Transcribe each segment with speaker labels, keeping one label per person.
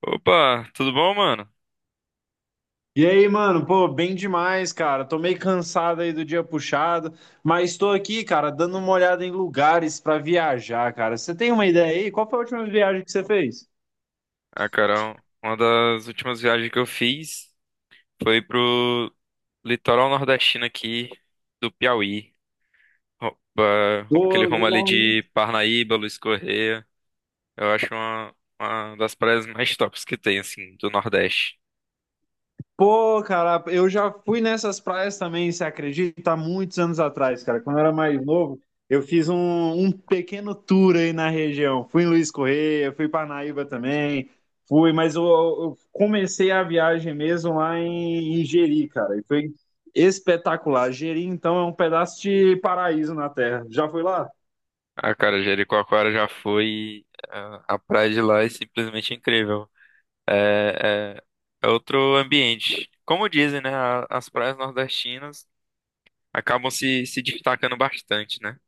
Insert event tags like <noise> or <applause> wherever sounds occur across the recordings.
Speaker 1: Opa, tudo bom, mano?
Speaker 2: E aí, mano, pô, bem demais, cara. Tô meio cansado aí do dia puxado, mas tô aqui, cara, dando uma olhada em lugares pra viajar, cara. Você tem uma ideia aí? Qual foi a última viagem que você fez?
Speaker 1: Ah, cara, uma das últimas viagens que eu fiz foi pro litoral nordestino aqui do Piauí.
Speaker 2: Ô,
Speaker 1: Aquele rumo ali
Speaker 2: legal, hein?
Speaker 1: de Parnaíba, Luiz Correia. Eu acho uma das praias mais tops que tem, assim, do Nordeste.
Speaker 2: Pô, cara, eu já fui nessas praias também, você acredita? Há muitos anos atrás, cara. Quando eu era mais novo, eu fiz um pequeno tour aí na região. Fui em Luiz Correia, fui para Naíba também, fui, mas eu comecei a viagem mesmo lá em, em Jeri, cara. E foi espetacular. Jeri, então, é um pedaço de paraíso na Terra. Já foi lá?
Speaker 1: Ah, cara, Jericoacoara já foi. A praia de lá é simplesmente incrível. É, é, é outro ambiente. Como dizem, né? As praias nordestinas acabam se destacando bastante, né?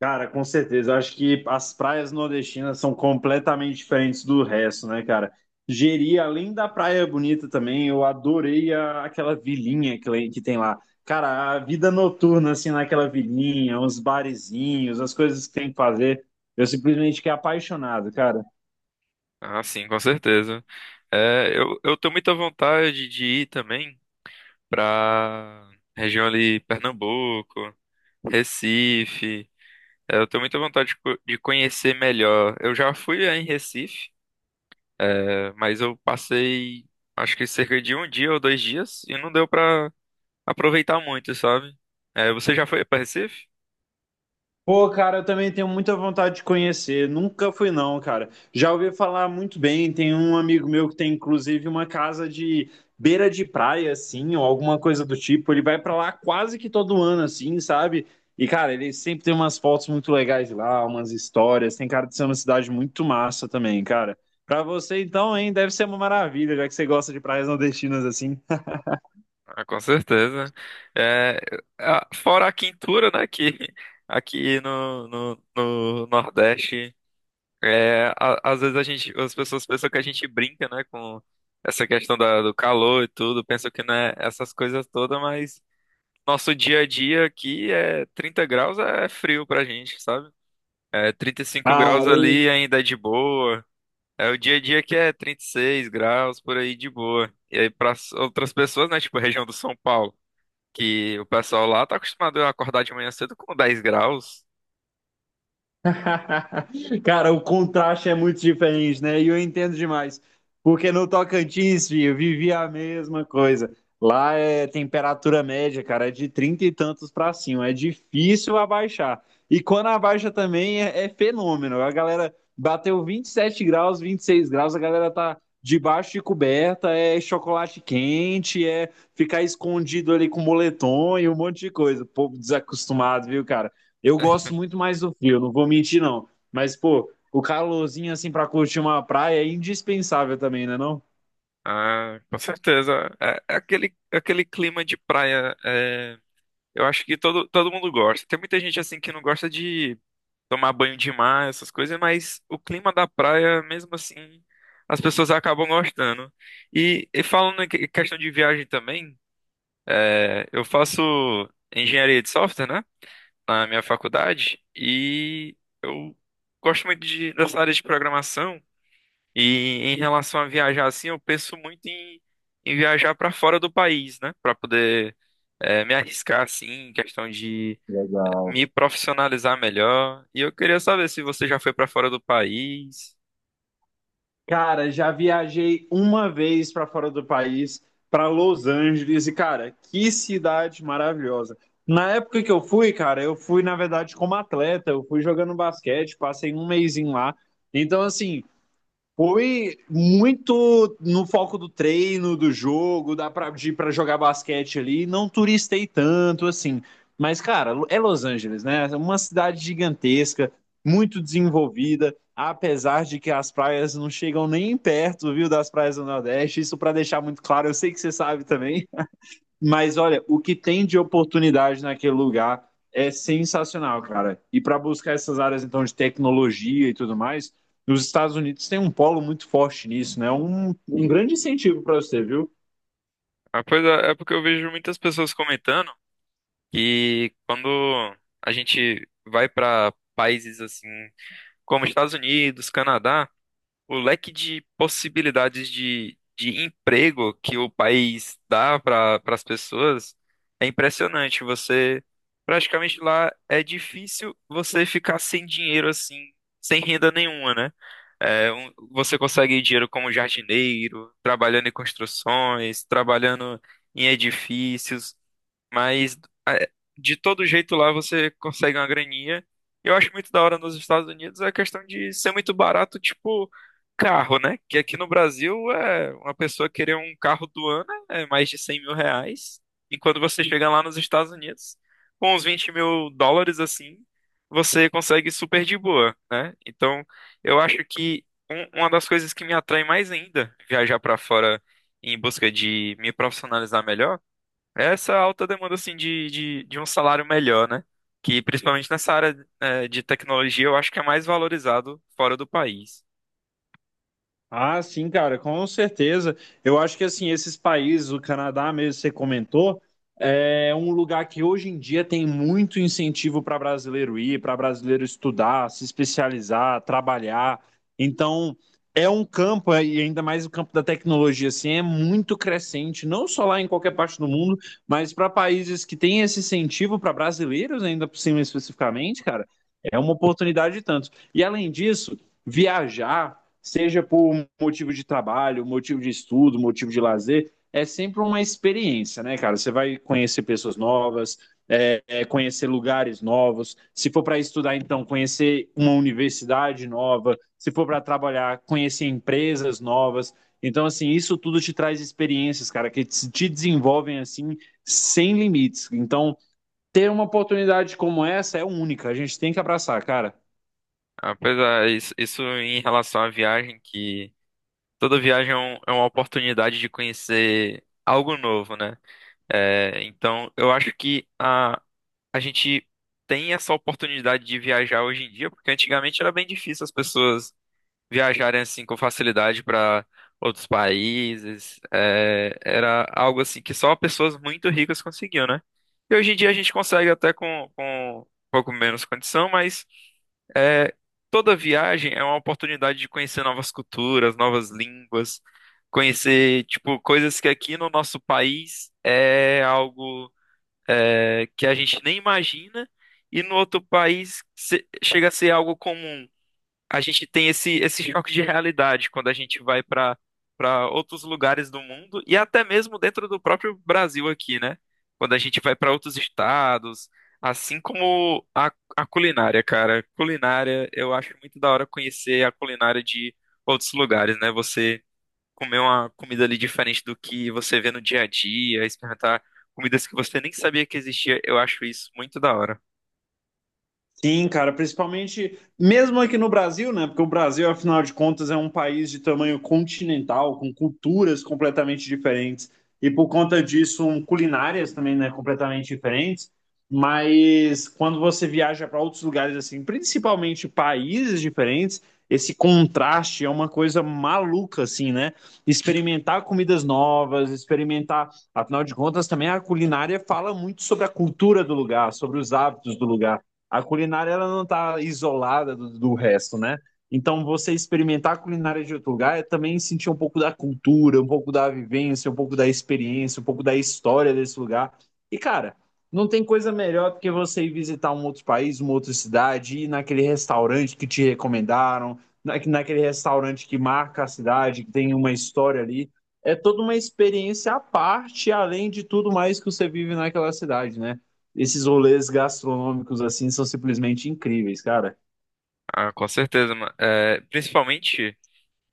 Speaker 2: Cara, com certeza. Eu acho que as praias nordestinas são completamente diferentes do resto, né, cara? Jeri, além da praia bonita também, eu adorei aquela vilinha que, que tem lá. Cara, a vida noturna, assim, naquela vilinha, os barezinhos, as coisas que tem que fazer. Eu simplesmente fiquei apaixonado, cara.
Speaker 1: Ah, sim, com certeza. É, eu tenho muita vontade de ir também pra região ali, Pernambuco, Recife. É, eu tenho muita vontade de conhecer melhor. Eu já fui aí em Recife, é, mas eu passei acho que cerca de um dia ou 2 dias e não deu pra aproveitar muito, sabe? É, você já foi pra Recife?
Speaker 2: Pô, cara, eu também tenho muita vontade de conhecer. Nunca fui, não, cara. Já ouvi falar muito bem. Tem um amigo meu que tem, inclusive, uma casa de beira de praia, assim, ou alguma coisa do tipo. Ele vai pra lá quase que todo ano, assim, sabe? E, cara, ele sempre tem umas fotos muito legais de lá, umas histórias. Tem cara de ser uma cidade muito massa também, cara. Pra você, então, hein, deve ser uma maravilha, já que você gosta de praias nordestinas assim.
Speaker 1: Ah, com certeza. É, fora a quintura, né, que aqui no Nordeste. É, às vezes as pessoas pensam que a gente brinca, né, com essa questão do calor e tudo, pensam que não é essas coisas todas, mas nosso dia a dia aqui é 30 graus é frio pra gente, sabe? É 35
Speaker 2: Cara,
Speaker 1: graus ali ainda é de boa. É o dia a dia que é 36 graus por aí de boa. E aí para outras pessoas, né, tipo a região do São Paulo, que o pessoal lá tá acostumado a acordar de manhã cedo com 10 graus.
Speaker 2: <laughs> cara, o contraste é muito diferente, né? E eu entendo demais. Porque no Tocantins, filho, eu vivia a mesma coisa. Lá é temperatura média, cara, é de 30 e tantos pra cima. É difícil abaixar. E quando abaixa também é fenômeno. A galera bateu 27 graus, 26 graus, a galera tá debaixo de coberta, é chocolate quente, é ficar escondido ali com moletom e um monte de coisa. Povo desacostumado, viu, cara? Eu
Speaker 1: Né?
Speaker 2: gosto muito mais do frio, não vou mentir, não. Mas, pô, o calorzinho, assim, pra curtir uma praia é indispensável também, né, não?
Speaker 1: Ah, com certeza. É, é aquele clima de praia. É, eu acho que todo mundo gosta. Tem muita gente assim que não gosta de tomar banho de mar, essas coisas, mas o clima da praia, mesmo assim, as pessoas acabam gostando. E falando em questão de viagem também, é, eu faço engenharia de software, né? Na minha faculdade, e eu gosto muito dessa área de programação. E em relação a viajar assim, eu penso muito em viajar para fora do país, né? Para poder me arriscar assim, em questão de me profissionalizar melhor. E eu queria saber se você já foi para fora do país.
Speaker 2: Cara, já viajei uma vez pra fora do país, pra Los Angeles, e, cara, que cidade maravilhosa. Na época que eu fui, cara, eu fui, na verdade, como atleta, eu fui jogando basquete, passei um mesinho lá. Então, assim, foi muito no foco do treino, do jogo, dá pra, de ir pra jogar basquete ali. Não turistei tanto, assim. Mas, cara, é Los Angeles, né? É uma cidade gigantesca, muito desenvolvida, apesar de que as praias não chegam nem perto, viu, das praias do Nordeste. Isso pra deixar muito claro, eu sei que você sabe também. Mas olha, o que tem de oportunidade naquele lugar é sensacional, cara. E para buscar essas áreas então de tecnologia e tudo mais, os Estados Unidos têm um polo muito forte nisso, né? Um grande incentivo para você, viu?
Speaker 1: A coisa é porque eu vejo muitas pessoas comentando que quando a gente vai para países assim, como Estados Unidos, Canadá, o leque de possibilidades de emprego que o país dá para as pessoas é impressionante. Você praticamente lá é difícil você ficar sem dinheiro assim, sem renda nenhuma, né? É, você consegue dinheiro como jardineiro, trabalhando em construções, trabalhando em edifícios, mas é, de todo jeito lá você consegue uma graninha. Eu acho muito da hora nos Estados Unidos a questão de ser muito barato, tipo, carro, né? Que aqui no Brasil é uma pessoa querer um carro do ano é mais de R$ 100.000. E quando você chega lá nos Estados Unidos, com uns US$ 20.000 assim, você consegue super de boa, né? Então, eu acho que uma das coisas que me atrai mais ainda viajar para fora em busca de me profissionalizar melhor é essa alta demanda assim de um salário melhor, né? Que principalmente nessa área de tecnologia eu acho que é mais valorizado fora do país.
Speaker 2: Ah, sim, cara, com certeza. Eu acho que assim, esses países, o Canadá mesmo, você comentou, é um lugar que hoje em dia tem muito incentivo para brasileiro ir, para brasileiro estudar, se especializar, trabalhar. Então, é um campo, e ainda mais o campo da tecnologia, assim, é muito crescente, não só lá em qualquer parte do mundo, mas para países que têm esse incentivo para brasileiros, ainda por cima especificamente, cara, é uma oportunidade e tanto. E além disso, viajar seja por motivo de trabalho, motivo de estudo, motivo de lazer, é sempre uma experiência, né, cara? Você vai conhecer pessoas novas, conhecer lugares novos. Se for para estudar, então, conhecer uma universidade nova. Se for para trabalhar, conhecer empresas novas. Então, assim, isso tudo te traz experiências, cara, que te desenvolvem, assim, sem limites. Então, ter uma oportunidade como essa é única. A gente tem que abraçar, cara.
Speaker 1: Apesar, isso em relação à viagem, que toda viagem é uma oportunidade de conhecer algo novo, né? É, então, eu acho que a gente tem essa oportunidade de viajar hoje em dia, porque antigamente era bem difícil as pessoas viajarem assim com facilidade para outros países. É, era algo assim que só pessoas muito ricas conseguiam, né? E hoje em dia a gente consegue até com um pouco menos condição, mas. É, toda viagem é uma oportunidade de conhecer novas culturas, novas línguas, conhecer, tipo, coisas que aqui no nosso país é algo que a gente nem imagina e no outro país chega a ser algo comum. A gente tem esse choque de realidade quando a gente vai para outros lugares do mundo e até mesmo dentro do próprio Brasil aqui, né? Quando a gente vai para outros estados, assim como a culinária, cara. Culinária, eu acho muito da hora conhecer a culinária de outros lugares, né? Você comer uma comida ali diferente do que você vê no dia a dia, experimentar comidas que você nem sabia que existia, eu acho isso muito da hora.
Speaker 2: Sim, cara, principalmente mesmo aqui no Brasil, né? Porque o Brasil, afinal de contas, é um país de tamanho continental, com culturas completamente diferentes e por conta disso, culinárias também, né, completamente diferentes. Mas quando você viaja para outros lugares assim, principalmente países diferentes, esse contraste é uma coisa maluca assim, né? Experimentar comidas novas, experimentar, afinal de contas, também a culinária fala muito sobre a cultura do lugar, sobre os hábitos do lugar. A culinária ela não está isolada do resto, né? Então, você experimentar a culinária de outro lugar é também sentir um pouco da cultura, um pouco da vivência, um pouco da experiência, um pouco da história desse lugar. E, cara, não tem coisa melhor do que você ir visitar um outro país, uma outra cidade, ir naquele restaurante que te recomendaram, naquele restaurante que marca a cidade, que tem uma história ali. É toda uma experiência à parte, além de tudo mais que você vive naquela cidade, né? Esses rolês gastronômicos assim são simplesmente incríveis, cara.
Speaker 1: Ah, com certeza, mano. É, principalmente.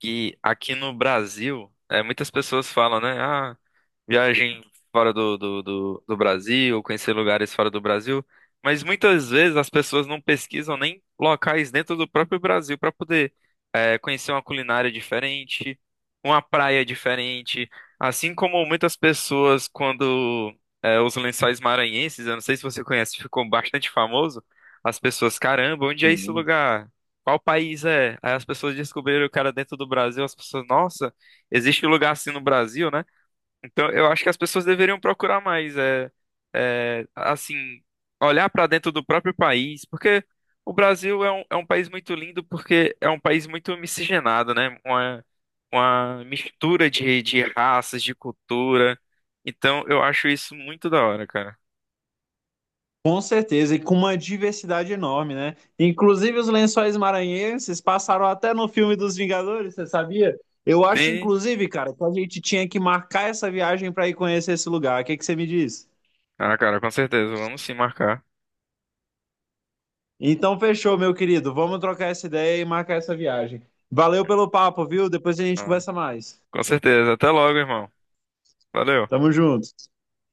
Speaker 1: E aqui no Brasil, é, muitas pessoas falam, né? Ah, viagem fora do Brasil, conhecer lugares fora do Brasil. Mas muitas vezes as pessoas não pesquisam nem locais dentro do próprio Brasil para poder conhecer uma culinária diferente, uma praia diferente. Assim como muitas pessoas, quando os Lençóis Maranhenses, eu não sei se você conhece, ficou bastante famoso, as pessoas, caramba, onde é esse
Speaker 2: Uhum.
Speaker 1: lugar? Qual país é? Aí as pessoas descobriram o cara dentro do Brasil, as pessoas, nossa, existe um lugar assim no Brasil, né? Então eu acho que as pessoas deveriam procurar mais, assim, olhar para dentro do próprio país, porque o Brasil é um país muito lindo, porque é um país muito miscigenado, né? Uma mistura de raças, de cultura. Então eu acho isso muito da hora, cara.
Speaker 2: Com certeza, e com uma diversidade enorme, né? Inclusive os Lençóis Maranhenses passaram até no filme dos Vingadores, você sabia? Eu acho,
Speaker 1: Tem...
Speaker 2: inclusive, cara, que a gente tinha que marcar essa viagem para ir conhecer esse lugar. O que que você me diz?
Speaker 1: Ah, cara, com certeza, vamos sim marcar.
Speaker 2: Então, fechou, meu querido. Vamos trocar essa ideia e marcar essa viagem. Valeu pelo papo, viu? Depois a gente
Speaker 1: Ah,
Speaker 2: conversa mais.
Speaker 1: com certeza, até logo, irmão. Valeu.
Speaker 2: Tamo junto.